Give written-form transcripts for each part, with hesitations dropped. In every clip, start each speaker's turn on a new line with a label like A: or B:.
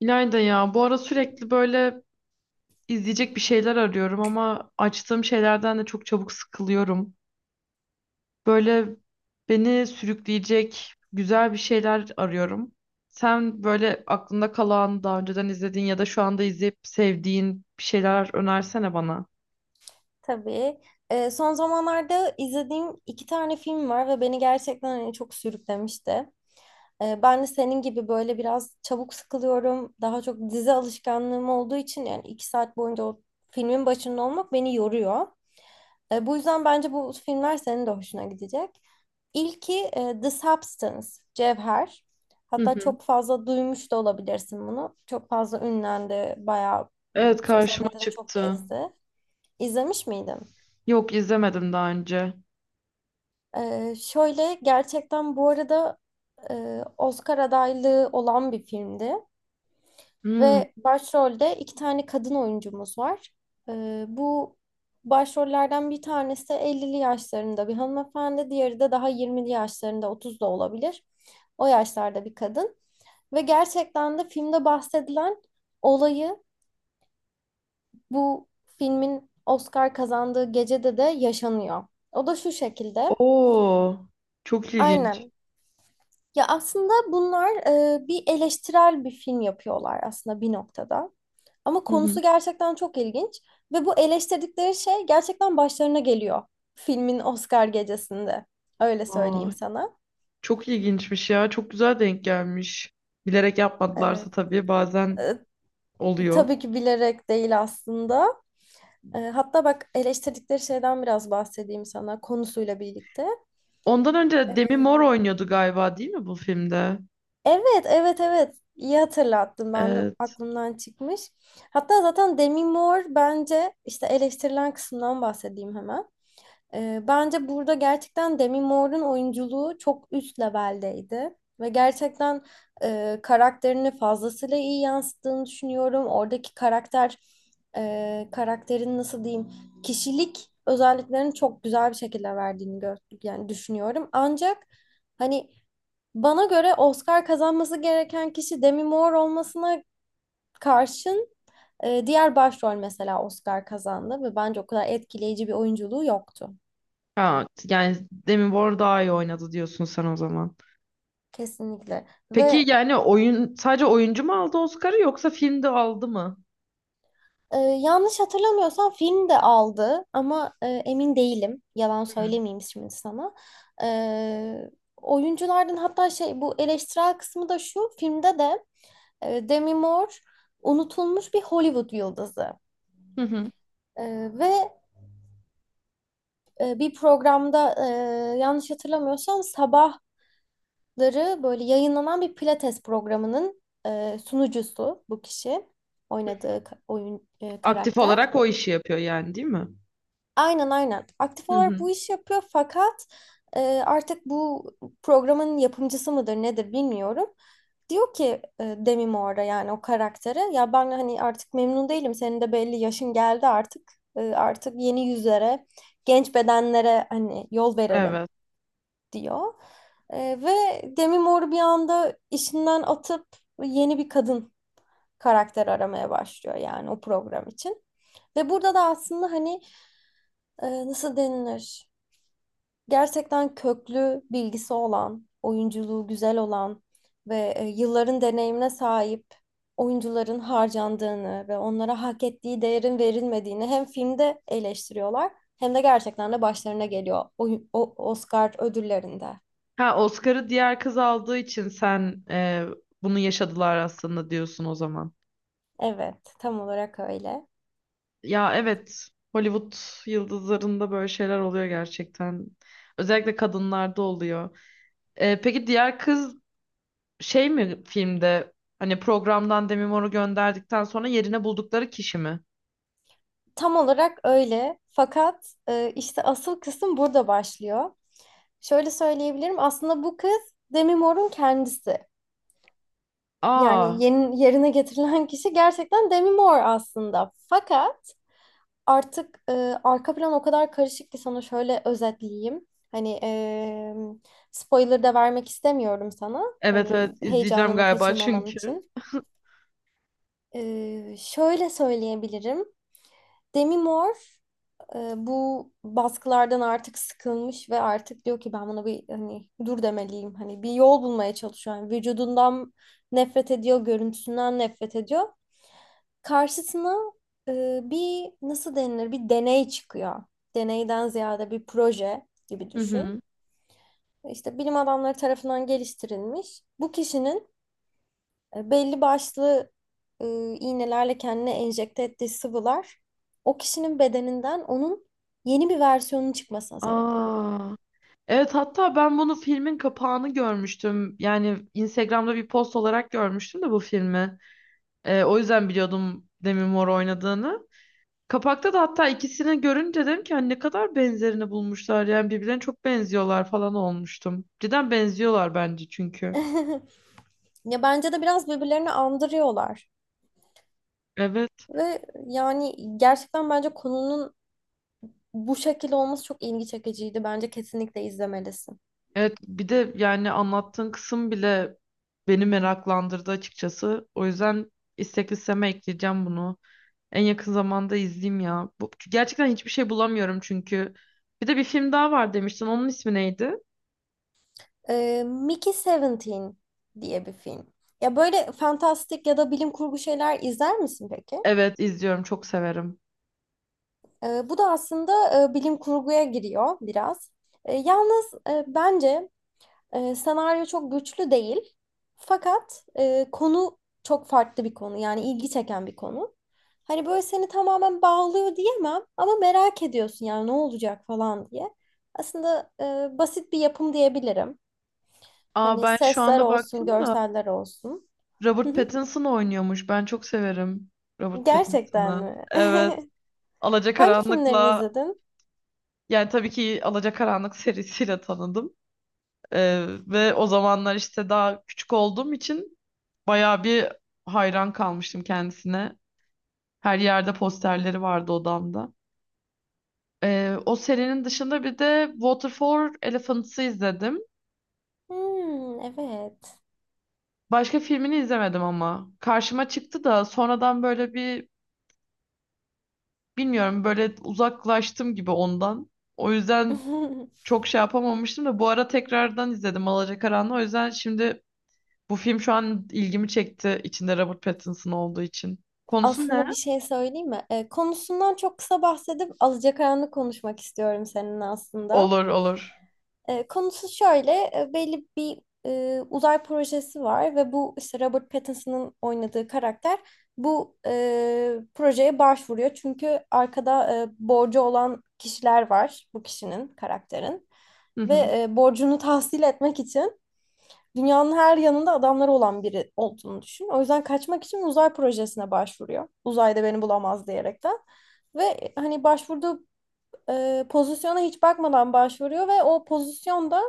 A: İlayda ya, bu ara sürekli böyle izleyecek bir şeyler arıyorum ama açtığım şeylerden de çok çabuk sıkılıyorum. Böyle beni sürükleyecek güzel bir şeyler arıyorum. Sen böyle aklında kalan, daha önceden izlediğin ya da şu anda izleyip sevdiğin bir şeyler önersene bana.
B: Tabii. Son zamanlarda izlediğim iki tane film var ve beni gerçekten hani çok sürüklemişti. Ben de senin gibi böyle biraz çabuk sıkılıyorum. Daha çok dizi alışkanlığım olduğu için yani iki saat boyunca o filmin başında olmak beni yoruyor. Bu yüzden bence bu filmler senin de hoşuna gidecek. İlki The Substance, Cevher.
A: Hı
B: Hatta
A: hı.
B: çok fazla duymuş da olabilirsin bunu. Çok fazla ünlendi, bayağı
A: Evet,
B: hmm, sosyal
A: karşıma
B: medyada çok
A: çıktı.
B: gezdi. İzlemiş miydin?
A: Yok, izlemedim daha önce.
B: Şöyle gerçekten bu arada Oscar adaylığı olan bir filmdi
A: Hmm.
B: ve başrolde iki tane kadın oyuncumuz var. Bu başrollerden bir tanesi 50'li yaşlarında bir hanımefendi, diğeri de daha 20'li yaşlarında 30 da olabilir. O yaşlarda bir kadın ve gerçekten de filmde bahsedilen olayı bu filmin Oscar kazandığı gecede de yaşanıyor. O da şu şekilde.
A: Oo, çok ilginç.
B: Aynen. Ya aslında bunlar bir eleştirel bir film yapıyorlar aslında bir noktada. Ama
A: Hı hı.
B: konusu gerçekten çok ilginç ve bu eleştirdikleri şey gerçekten başlarına geliyor filmin Oscar gecesinde. Öyle söyleyeyim
A: Aa.
B: sana.
A: Çok ilginçmiş ya. Çok güzel denk gelmiş. Bilerek
B: E,
A: yapmadılarsa tabii, bazen
B: e,
A: oluyor.
B: tabii ki bilerek değil aslında. Hatta bak eleştirdikleri şeyden biraz bahsedeyim sana konusuyla birlikte.
A: Ondan önce
B: E,
A: Demi Moore oynuyordu galiba değil mi bu filmde?
B: Evet, evet, evet. İyi hatırlattın. Ben de
A: Evet.
B: aklımdan çıkmış. Hatta zaten Demi Moore bence işte eleştirilen kısımdan bahsedeyim hemen. Bence burada gerçekten Demi Moore'un oyunculuğu çok üst leveldeydi. Ve gerçekten karakterini fazlasıyla iyi yansıttığını düşünüyorum. Oradaki karakter, karakterin nasıl diyeyim, kişilik özelliklerini çok güzel bir şekilde verdiğini yani düşünüyorum. Ancak hani bana göre Oscar kazanması gereken kişi Demi Moore olmasına karşın diğer başrol mesela Oscar kazandı ve bence o kadar etkileyici bir oyunculuğu yoktu.
A: Ha, yani Demi Moore daha iyi oynadı diyorsun sen o zaman.
B: Kesinlikle.
A: Peki
B: Ve
A: yani oyun sadece oyuncu mu aldı Oscar'ı yoksa filmde aldı mı?
B: yanlış hatırlamıyorsam film de aldı ama emin değilim. Yalan
A: Hı.
B: söylemeyeyim şimdi sana. E, Oyunculardan hatta şey bu eleştirel kısmı da şu filmde de Demi Moore unutulmuş bir Hollywood yıldızı.
A: Hı hı.
B: E, ve bir programda yanlış hatırlamıyorsam sabahları böyle yayınlanan bir pilates programının sunucusu bu kişi. Oynadığı oyun
A: Aktif
B: karakter.
A: olarak o işi yapıyor yani değil mi?
B: Aynen aynen. Aktif
A: Hı
B: olarak
A: hı.
B: bu işi yapıyor fakat e, artık bu programın yapımcısı mıdır nedir bilmiyorum. Diyor ki Demi Moore'a yani o karaktere ya ben hani artık memnun değilim. Senin de belli yaşın geldi artık. Artık yeni yüzlere, genç bedenlere hani yol verelim
A: Evet.
B: diyor. Ve Demi Moore bir anda işinden atıp yeni bir kadın karakter aramaya başlıyor yani o program için. Ve burada da aslında hani nasıl denilir? Gerçekten köklü bilgisi olan, oyunculuğu güzel olan ve yılların deneyimine sahip oyuncuların harcandığını ve onlara hak ettiği değerin verilmediğini hem filmde eleştiriyorlar hem de gerçekten de başlarına geliyor o Oscar ödüllerinde.
A: Ha, Oscar'ı diğer kız aldığı için sen bunu yaşadılar aslında diyorsun o zaman.
B: Evet, tam olarak öyle.
A: Ya evet, Hollywood yıldızlarında böyle şeyler oluyor gerçekten. Özellikle kadınlarda oluyor. Peki diğer kız şey mi filmde, hani programdan Demi Moore'u gönderdikten sonra yerine buldukları kişi mi?
B: Tam olarak öyle. Fakat işte asıl kısım burada başlıyor. Şöyle söyleyebilirim. Aslında bu kız Demi Moore'un kendisi.
A: Aa,
B: Yani yeni, yerine getirilen kişi gerçekten Demi Moore aslında. Fakat artık arka plan o kadar karışık ki sana şöyle özetleyeyim. Hani spoiler da vermek istemiyorum sana.
A: evet evet,
B: Hani
A: izleyeceğim
B: heyecanını
A: galiba
B: kaçırmaman
A: çünkü.
B: için. Şöyle söyleyebilirim. Demi Moore bu baskılardan artık sıkılmış ve artık diyor ki ben buna bir hani dur demeliyim. Hani bir yol bulmaya çalışıyor. Yani vücudundan nefret ediyor, görüntüsünden nefret ediyor. Karşısına bir nasıl denilir bir deney çıkıyor. Deneyden ziyade bir proje gibi
A: Hı hı.
B: düşün. İşte bilim adamları tarafından geliştirilmiş. Bu kişinin belli başlı e, iğnelerle kendine enjekte ettiği sıvılar o kişinin bedeninden onun yeni bir versiyonun çıkmasına sebep oluyor.
A: Aa, evet, hatta ben bunu filmin kapağını görmüştüm. Yani Instagram'da bir post olarak görmüştüm de bu filmi. O yüzden biliyordum Demi Moore oynadığını. Kapakta da hatta ikisini görünce dedim ki hani ne kadar benzerini bulmuşlar, yani birbirlerine çok benziyorlar falan olmuştum. Cidden benziyorlar bence çünkü.
B: Ya bence de biraz birbirlerini andırıyorlar.
A: Evet.
B: Ve yani gerçekten bence konunun bu şekilde olması çok ilgi çekiciydi. Bence kesinlikle izlemelisin.
A: Evet, bir de yani anlattığın kısım bile beni meraklandırdı açıkçası. O yüzden istek listeme ekleyeceğim bunu. En yakın zamanda izleyeyim ya. Bu, gerçekten hiçbir şey bulamıyorum çünkü. Bir de bir film daha var demiştin. Onun ismi neydi?
B: Mickey Seventeen diye bir film. Ya böyle fantastik ya da bilim kurgu şeyler izler misin peki?
A: Evet, izliyorum, çok severim.
B: Bu da aslında bilim kurguya giriyor biraz. Yalnız bence senaryo çok güçlü değil. Fakat konu çok farklı bir konu. Yani ilgi çeken bir konu. Hani böyle seni tamamen bağlıyor diyemem ama merak ediyorsun yani ne olacak falan diye. Aslında basit bir yapım diyebilirim.
A: Aa,
B: Hani
A: ben şu
B: sesler
A: anda
B: olsun,
A: baktım da
B: görseller olsun. Hı
A: Robert
B: hı.
A: Pattinson oynuyormuş. Ben çok severim Robert
B: Gerçekten
A: Pattinson'ı.
B: mi?
A: Evet.
B: Hangi filmlerini
A: Alacakaranlık'la,
B: izledin?
A: yani tabii ki Alacakaranlık serisiyle tanıdım. Ve o zamanlar işte daha küçük olduğum için bayağı bir hayran kalmıştım kendisine. Her yerde posterleri vardı odamda. O serinin dışında bir de Water for Elephants'ı izledim.
B: Hmm, evet.
A: Başka filmini izlemedim ama. Karşıma çıktı da sonradan böyle bir, bilmiyorum, böyle uzaklaştım gibi ondan. O yüzden çok şey yapamamıştım da bu ara tekrardan izledim Alacakaranlığı. O yüzden şimdi bu film şu an ilgimi çekti içinde Robert Pattinson olduğu için. Konusu ne?
B: Aslında bir şey söyleyeyim mi? Konusundan çok kısa bahsedip alacakaranlık konuşmak istiyorum seninle aslında.
A: Olur olur.
B: Konusu şöyle, belli bir uzay projesi var ve bu işte Robert Pattinson'ın oynadığı karakter bu projeye başvuruyor. Çünkü arkada borcu olan kişiler var bu kişinin, karakterin.
A: Hı hı.
B: Ve borcunu tahsil etmek için dünyanın her yanında adamları olan biri olduğunu düşün. O yüzden kaçmak için uzay projesine başvuruyor. Uzayda beni bulamaz diyerekten. Ve hani başvurduğu pozisyona hiç bakmadan başvuruyor ve o pozisyonda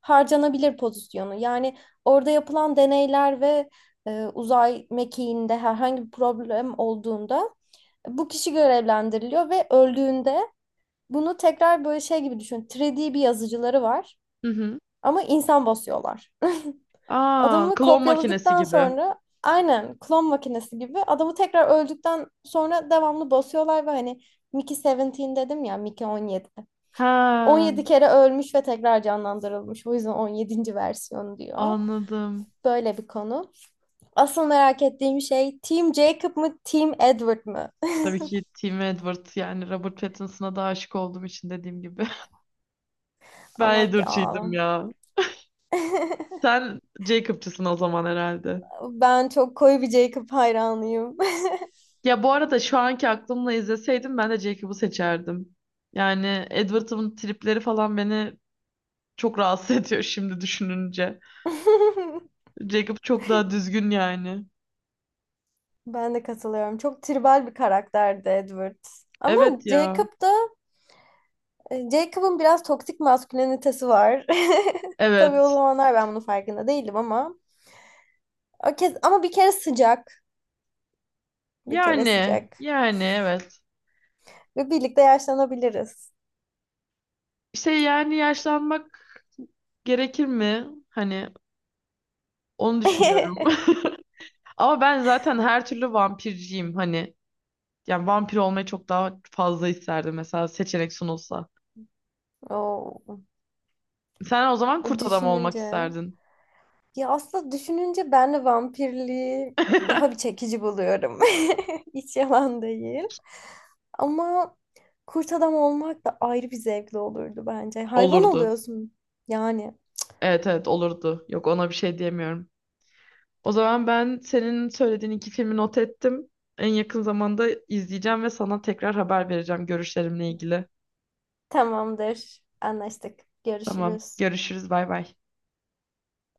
B: harcanabilir pozisyonu. Yani orada yapılan deneyler ve uzay mekiğinde herhangi bir problem olduğunda bu kişi görevlendiriliyor ve öldüğünde bunu tekrar böyle şey gibi düşün. 3D bir yazıcıları var
A: Hı hı.
B: ama insan basıyorlar.
A: Aa,
B: Adamı
A: klon makinesi
B: kopyaladıktan
A: gibi.
B: sonra aynen klon makinesi gibi adamı tekrar öldükten sonra devamlı basıyorlar ve hani Mickey 17 dedim ya Mickey 17.
A: Ha,
B: 17 kere ölmüş ve tekrar canlandırılmış. O yüzden 17'nci versiyon diyor.
A: anladım.
B: Böyle bir konu. Asıl merak ettiğim şey Team Jacob mı Team Edward mı?
A: Tabii ki Tim Edward, yani Robert Pattinson'a da aşık olduğum için dediğim gibi. Ben
B: Ama ya,
A: Edward'çıydım ya. Sen Jacob'çısın o zaman herhalde.
B: ben çok koyu bir Jacob hayranıyım.
A: Ya bu arada şu anki aklımla izleseydim ben de Jacob'u seçerdim. Yani Edward'ın tripleri falan beni çok rahatsız ediyor şimdi düşününce. Jacob çok daha düzgün yani.
B: Ben de katılıyorum. Çok tribal bir karakterdi Edward. Ama
A: Evet ya.
B: Jacob da Jacob'ın biraz toksik maskülenitesi var. Tabii o
A: Evet.
B: zamanlar ben bunun farkında değildim ama o kez ama bir kere sıcak, bir kere
A: Yani
B: sıcak
A: yani evet.
B: ve birlikte yaşlanabiliriz.
A: İşte yani yaşlanmak gerekir mi? Hani onu düşünüyorum. Ama ben zaten her türlü vampirciyim hani. Yani vampir olmayı çok daha fazla isterdim mesela seçenek sunulsa.
B: Oo,
A: Sen o zaman kurt adam olmak
B: düşününce
A: isterdin.
B: ya aslında düşününce ben de vampirliği daha bir çekici buluyorum. Hiç yalan değil. Ama kurt adam olmak da ayrı bir zevkli olurdu bence. Hayvan
A: Olurdu.
B: oluyorsun yani.
A: Evet evet, olurdu. Yok, ona bir şey diyemiyorum. O zaman ben senin söylediğin iki filmi not ettim. En yakın zamanda izleyeceğim ve sana tekrar haber vereceğim görüşlerimle ilgili.
B: Tamamdır. Anlaştık.
A: Tamam.
B: Görüşürüz.
A: Görüşürüz. Bay bay.